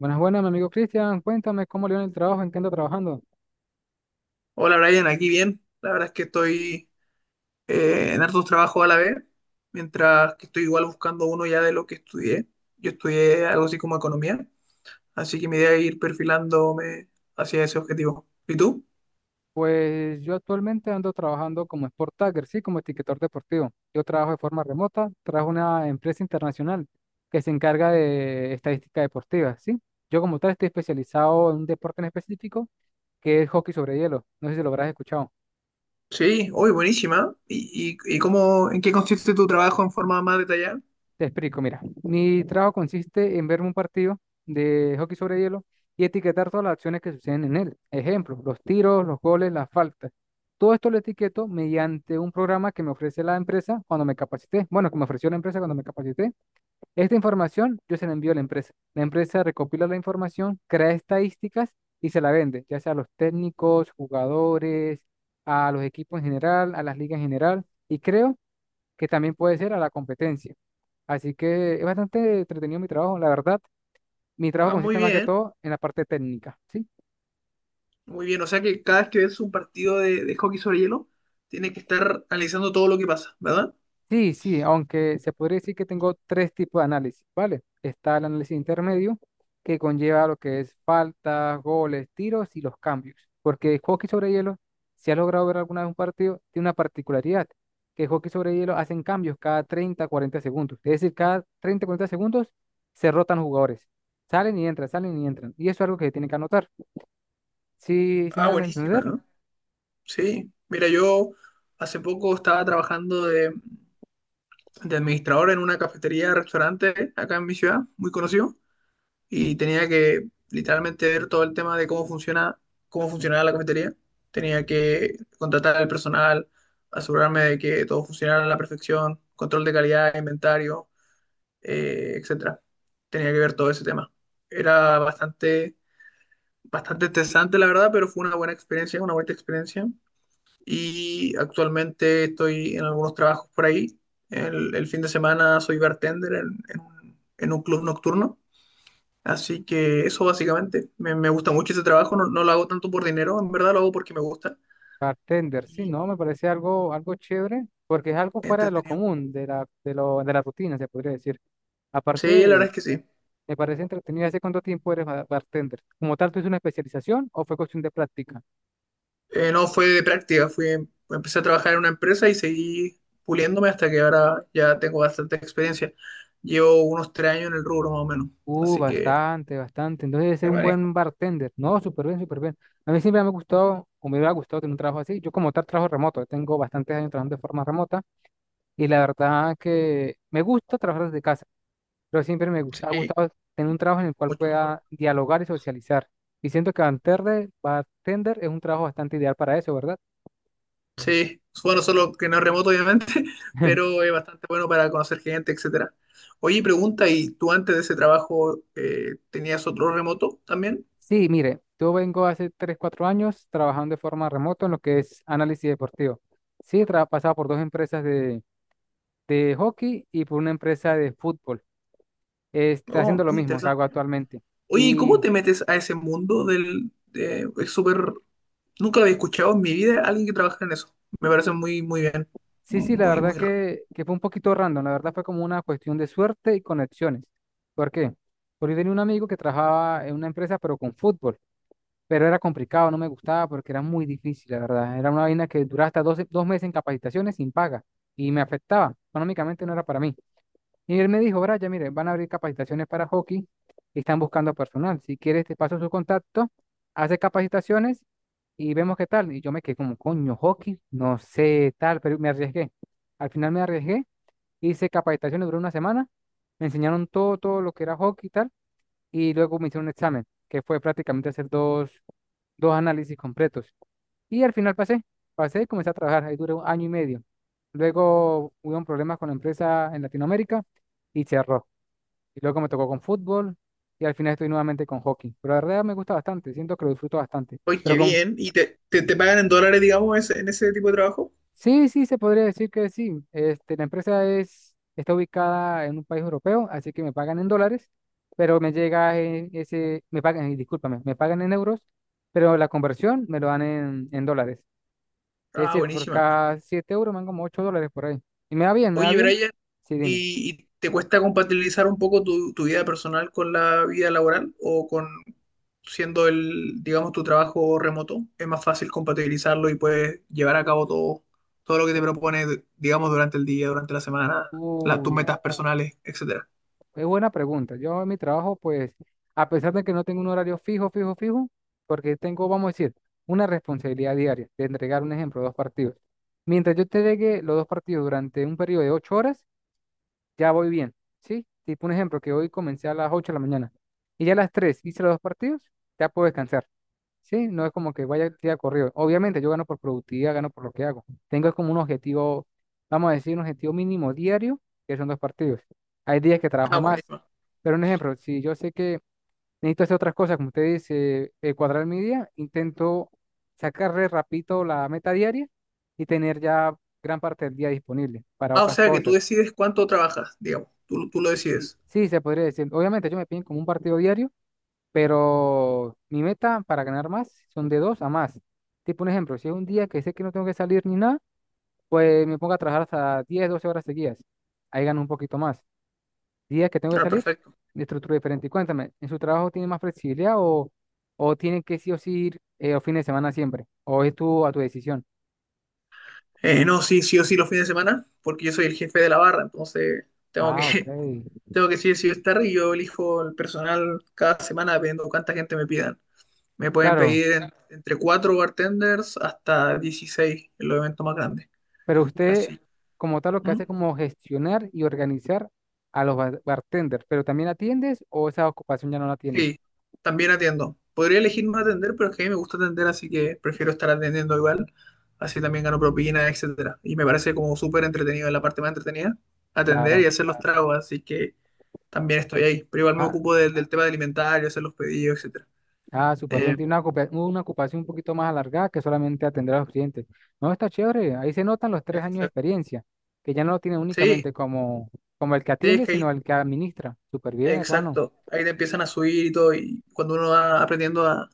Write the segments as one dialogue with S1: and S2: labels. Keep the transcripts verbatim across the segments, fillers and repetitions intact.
S1: Buenas, buenas, mi amigo Cristian. Cuéntame cómo le va en el trabajo, en qué anda trabajando.
S2: Hola Brian, aquí bien. La verdad es que estoy eh, en hartos trabajos a la vez, mientras que estoy igual buscando uno ya de lo que estudié. Yo estudié algo así como economía, así que mi idea es ir perfilándome hacia ese objetivo. ¿Y tú?
S1: Pues yo actualmente ando trabajando como Sport Tagger, sí, como etiquetador deportivo. Yo trabajo de forma remota, trabajo en una empresa internacional que se encarga de estadística deportiva, sí. Yo como tal estoy especializado en un deporte en específico que es hockey sobre hielo. No sé si lo habrás escuchado.
S2: Sí, hoy buenísima. ¿Y, y, y cómo, en qué consiste tu trabajo en forma más detallada?
S1: Te explico, mira, mi trabajo consiste en verme un partido de hockey sobre hielo y etiquetar todas las acciones que suceden en él. Ejemplo, los tiros, los goles, las faltas. Todo esto lo etiqueto mediante un programa que me ofrece la empresa cuando me capacité. Bueno, que me ofreció la empresa cuando me capacité. Esta información yo se la envío a la empresa. La empresa recopila la información, crea estadísticas y se la vende, ya sea a los técnicos, jugadores, a los equipos en general, a las ligas en general y creo que también puede ser a la competencia. Así que es bastante entretenido mi trabajo, la verdad. Mi trabajo
S2: Ah, muy
S1: consiste más que
S2: bien,
S1: todo en la parte técnica, ¿sí?
S2: muy bien. O sea que cada vez que ves un partido de, de hockey sobre hielo, tienes que estar analizando todo lo que pasa, ¿verdad?
S1: Sí, sí, aunque se podría decir que tengo tres tipos de análisis, ¿vale? Está el análisis intermedio, que conlleva lo que es faltas, goles, tiros y los cambios. Porque el hockey sobre hielo, si has logrado ver alguna vez un partido, tiene una particularidad, que el hockey sobre hielo hacen cambios cada treinta cuarenta segundos. Es decir, cada treinta cuarenta segundos se rotan los jugadores. Salen y entran, salen y entran. Y eso es algo que tienen que anotar. Sí, sí me
S2: Ah,
S1: van a
S2: buenísima,
S1: entender.
S2: ¿no? Sí, mira, yo hace poco estaba trabajando de, de administrador en una cafetería, restaurante acá en mi ciudad, muy conocido, y tenía que literalmente ver todo el tema de cómo funciona, cómo funcionaba la cafetería. Tenía que contratar al personal, asegurarme de que todo funcionara a la perfección, control de calidad, inventario, eh, etcétera. Tenía que ver todo ese tema. Era bastante, bastante estresante, la verdad, pero fue una buena experiencia, una buena experiencia. Y actualmente estoy en algunos trabajos por ahí. El, el fin de semana soy bartender en, en un en un club nocturno. Así que eso básicamente, me, me gusta mucho ese trabajo, no, no lo hago tanto por dinero, en verdad lo hago porque me gusta.
S1: Bartender, sí,
S2: Y
S1: no, me parece algo, algo chévere, porque es algo fuera de lo
S2: entretenido.
S1: común, de la, de lo, de la rutina, se podría decir.
S2: Sí, la
S1: Aparte,
S2: verdad es que sí.
S1: me parece entretenido. ¿Hace cuánto tiempo eres ba- bartender? ¿Como tal, tuviste una especialización o fue cuestión de práctica?
S2: Eh, no fue de práctica, fui, empecé a trabajar en una empresa y seguí puliéndome hasta que ahora ya tengo bastante experiencia. Llevo unos tres años en el rubro más o menos,
S1: Uh,
S2: así que
S1: bastante, bastante. Entonces, debe ser
S2: me
S1: un
S2: manejo.
S1: buen bartender. No, súper bien, súper bien. A mí siempre me ha gustado, o me hubiera gustado tener un trabajo así. Yo, como tal, trabajo remoto. Tengo bastantes años trabajando de forma remota y la verdad que me gusta trabajar desde casa. Pero siempre me gusta, ha
S2: Sí,
S1: gustado tener un trabajo en el cual
S2: mucho mejor.
S1: pueda dialogar y socializar. Y siento que bartender, bartender es un trabajo bastante ideal para eso, ¿verdad?
S2: Sí, bueno, solo que no es remoto, obviamente, pero es bastante bueno para conocer gente, etcétera. Oye, pregunta, ¿y tú antes de ese trabajo eh, tenías otro remoto también?
S1: Sí, mire, yo vengo hace tres cuatro años trabajando de forma remota en lo que es análisis deportivo. Sí, he tra- pasado por dos empresas de, de hockey y por una empresa de fútbol. Este,
S2: Oh,
S1: haciendo lo
S2: muy
S1: mismo que
S2: interesante.
S1: hago actualmente.
S2: Oye, ¿y cómo
S1: Y
S2: te metes a ese mundo del... de- es súper... Nunca lo había escuchado en mi vida a alguien que trabaja en eso. Me parece muy, muy bien.
S1: Sí, sí, la
S2: Muy,
S1: verdad
S2: muy... ra-
S1: que, que fue un poquito random, la verdad fue como una cuestión de suerte y conexiones. ¿Por qué? Porque yo tenía un amigo que trabajaba en una empresa, pero con fútbol, pero era complicado, no me gustaba porque era muy difícil, la verdad. Era una vaina que duraba hasta doce dos meses en capacitaciones sin paga y me afectaba, económicamente no era para mí. Y él me dijo, Brian, mire, van a abrir capacitaciones para hockey y están buscando personal. Si quieres, te paso su contacto, hace capacitaciones y vemos qué tal. Y yo me quedé como, coño, hockey, no sé tal, pero me arriesgué. Al final me arriesgué, hice capacitaciones, duró una semana, me enseñaron todo, todo lo que era hockey y tal y luego me hicieron un examen, que fue prácticamente hacer dos, dos análisis completos. Y al final pasé, pasé y comencé a trabajar, ahí duré un año y medio. Luego hubo un problema con la empresa en Latinoamérica y cerró. Y luego me tocó con fútbol y al final estoy nuevamente con hockey. Pero la verdad me gusta bastante, siento que lo disfruto bastante.
S2: Oye, qué
S1: Pero con
S2: bien. ¿Y te, te, te pagan en dólares, digamos, ese- en ese tipo de trabajo?
S1: Sí, sí, se podría decir que sí. Este, la empresa es, está ubicada en un país europeo, así que me pagan en dólares, pero me llega en ese, me pagan, eh, discúlpame, me pagan en euros, pero la conversión me lo dan en, en dólares. Es
S2: Ah,
S1: decir, por
S2: buenísima.
S1: cada siete euros me dan como ocho dólares por ahí. Y me va bien, me va
S2: Oye,
S1: bien.
S2: Brian,
S1: Sí, dime.
S2: ¿y, y te cuesta compatibilizar un poco tu, tu vida personal con la vida laboral o con siendo el, digamos, tu trabajo remoto? ¿Es más fácil compatibilizarlo y puedes llevar a cabo todo, todo lo que te propone, digamos, durante el día, durante la semana, la- tus
S1: Uy,
S2: metas personales, etcétera?
S1: es buena pregunta. Yo en mi trabajo, pues, a pesar de que no tengo un horario fijo, fijo, fijo, porque tengo, vamos a decir, una responsabilidad diaria de entregar un ejemplo, dos partidos. Mientras yo entregue los dos partidos durante un periodo de ocho horas, ya voy bien, ¿sí? Tipo un ejemplo, que hoy comencé a las ocho de la mañana y ya a las tres hice los dos partidos, ya puedo descansar. Sí, no es como que vaya día corrido. Obviamente yo gano por productividad, gano por lo que hago. Tengo como un objetivo, vamos a decir, un objetivo mínimo diario, que son dos partidos. Hay días que
S2: Ah,
S1: trabajo más.
S2: buenísimo.
S1: Pero un ejemplo, si yo sé que necesito hacer otras cosas, como usted dice, eh, cuadrar mi día, intento sacarle rapidito la meta diaria y tener ya gran parte del día disponible para
S2: Ah, o
S1: otras
S2: sea que tú
S1: cosas.
S2: decides cuánto trabajas, digamos, tú, tú lo
S1: Sí,
S2: decides.
S1: sí, se podría decir. Obviamente yo me piden como un partido diario pero mi meta para ganar más son de dos a más. Tipo un ejemplo, si es un día que sé que no tengo que salir ni nada, pues me pongo a trabajar hasta diez doce horas seguidas. Ahí gano un poquito más. Días que tengo que
S2: Ah,
S1: salir,
S2: perfecto.
S1: de estructura diferente. Y cuéntame, ¿en su trabajo tiene más flexibilidad o, o tienen que sí o sí ir eh, los fines de semana siempre? ¿O es tú a tu decisión?
S2: Eh, no, sí, sí o sí los fines de semana, porque yo soy el jefe de la barra, entonces tengo
S1: Ah, ok.
S2: que, tengo que decir si voy a estar y yo elijo el personal cada semana dependiendo de cuánta gente me pidan. Me pueden
S1: Claro,
S2: pedir en- entre cuatro bartenders hasta dieciséis en los eventos más grandes.
S1: pero usted
S2: Así.
S1: como tal lo que
S2: ¿Mm?
S1: hace es como gestionar y organizar a los bar- bartenders, pero también atiendes o esa ocupación ya no la tienes.
S2: Sí, también atiendo. Podría elegir no atender, pero es que a mí me gusta atender, así que prefiero estar atendiendo igual. Así también gano propina, etcétera. Y me parece como súper entretenido, la parte más entretenida, atender y
S1: Claro.
S2: hacer los tragos, así que también estoy ahí. Pero igual me
S1: Ah,
S2: ocupo del, del tema de alimentario, hacer los pedidos, etcétera.
S1: ah, súper bien.
S2: Eh,
S1: Tiene una, ocupa- una ocupación un poquito más alargada que solamente atender a los clientes. No, está chévere. Ahí se notan los tres años de
S2: exacto.
S1: experiencia, que ya no lo tiene
S2: Sí,
S1: únicamente como, como el que
S2: sí, es
S1: atiende,
S2: que ahí
S1: sino el que administra. Súper bien, hermano.
S2: exacto, ahí te empiezan a subir y todo, y cuando uno va aprendiendo a,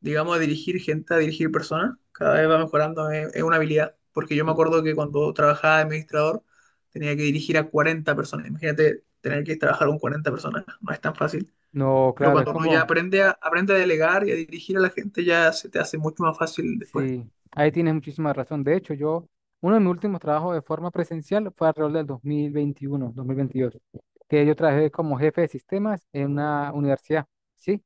S2: digamos, a dirigir gente, a dirigir personas, cada vez va mejorando, es, es una habilidad, porque yo me
S1: Cl-
S2: acuerdo que cuando trabajaba de administrador tenía que dirigir a cuarenta personas, imagínate tener que trabajar con cuarenta personas, no es tan fácil,
S1: No,
S2: pero
S1: claro, es
S2: cuando uno ya
S1: como,
S2: aprende a, aprende a delegar y a dirigir a la gente, ya se te hace mucho más fácil después.
S1: sí, ahí tienes muchísima razón. De hecho, yo, uno de mis últimos trabajos de forma presencial fue alrededor del dos dos mil veintiuno, dos mil veintidós, que yo trabajé como jefe de sistemas en una universidad, ¿sí?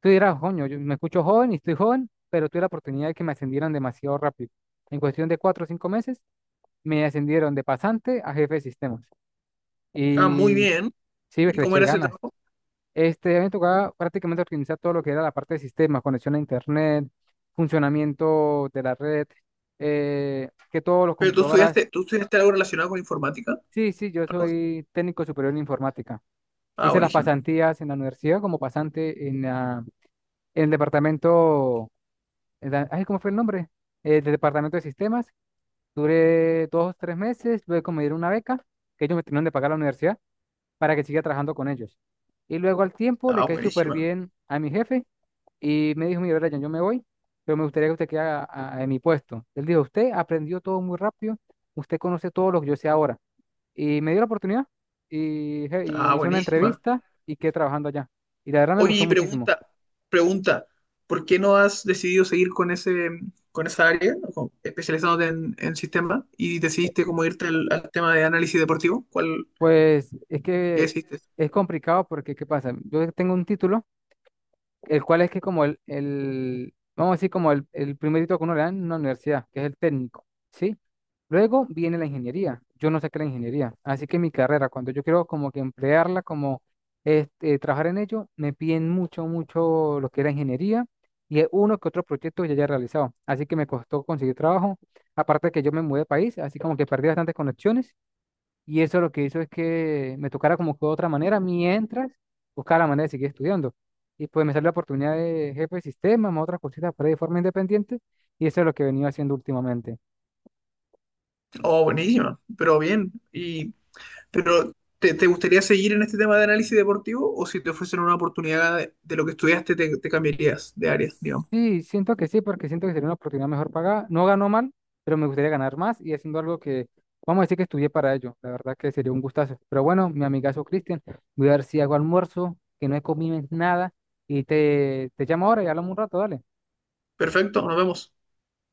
S1: Tú dirás, coño, yo me escucho joven y estoy joven, pero tuve la oportunidad de que me ascendieran demasiado rápido. En cuestión de cuatro o cinco meses, me ascendieron de pasante a jefe de sistemas.
S2: Ah, muy
S1: Y
S2: bien,
S1: sí, ves
S2: ¿y
S1: que le
S2: cómo
S1: eché
S2: era ese
S1: ganas.
S2: trabajo?
S1: Este, a mí me tocaba prácticamente organizar todo lo que era la parte de sistemas, conexión a internet, funcionamiento de la red, eh, que todos los
S2: Pero tú
S1: computadoras.
S2: estudiaste, tú estudiaste algo relacionado con informática,
S1: Sí, sí, yo
S2: algo así.
S1: soy técnico superior en informática.
S2: Ah,
S1: Hice las
S2: buenísima,
S1: pasantías en la universidad como pasante en, la- en el departamento eh, da- ay, ¿cómo fue el nombre? Eh, del Departamento de Sistemas. Duré dos tres meses, luego me dieron una beca que ellos me tenían de pagar a la universidad para que siga trabajando con ellos. Y luego al tiempo le
S2: ah,
S1: caí súper
S2: buenísima,
S1: bien a mi jefe y me dijo, mira, Brian, yo me voy, pero me gustaría que usted quede a- a- en mi puesto. Él dijo, usted aprendió todo muy rápido, usted conoce todo lo que yo sé ahora. Y me dio la oportunidad y, je- y
S2: ah,
S1: me hizo una
S2: buenísima.
S1: entrevista y quedé trabajando allá. Y la verdad me
S2: Oye,
S1: gustó
S2: y
S1: muchísimo.
S2: pregunta, pregunta, ¿por qué no has decidido seguir con ese, con esa área, con- especializándote en, en sistemas, y decidiste como irte al, al tema de análisis deportivo? ¿Cuál,
S1: Pues es
S2: qué
S1: que
S2: decidiste?
S1: es complicado porque, ¿qué pasa? Yo tengo un título, el cual es que como el, el vamos a decir, como el, el primer título que uno le dan en una universidad, que es el técnico, ¿sí? Luego viene la ingeniería. Yo no saqué la ingeniería, así que mi carrera, cuando yo quiero como que emplearla, como este, trabajar en ello, me piden mucho, mucho lo que era ingeniería y es uno que otro proyecto que ya haya realizado. Así que me costó conseguir trabajo. Aparte de que yo me mudé de país, así como que perdí bastantes conexiones y eso lo que hizo es que me tocara como que de otra manera, mientras buscaba la manera de seguir estudiando. Y pues me salió la oportunidad de jefe de sistema, más otras cositas por ahí de forma independiente, y eso es lo que he venido haciendo últimamente.
S2: Oh, buenísima, pero bien. Y, pero, ¿te, te gustaría seguir en este tema de análisis deportivo o si te ofrecen una oportunidad de, de lo que estudiaste, te, te cambiarías de área, digamos?
S1: Sí, siento que sí, porque siento que sería una oportunidad mejor pagada. No ganó mal, pero me gustaría ganar más y haciendo algo que, vamos a decir que estudié para ello. La verdad que sería un gustazo. Pero bueno, mi amigazo Cristian, voy a ver si hago almuerzo, que no he comido nada, y te, te llamo ahora y hablamos un rato, dale.
S2: Perfecto, nos vemos.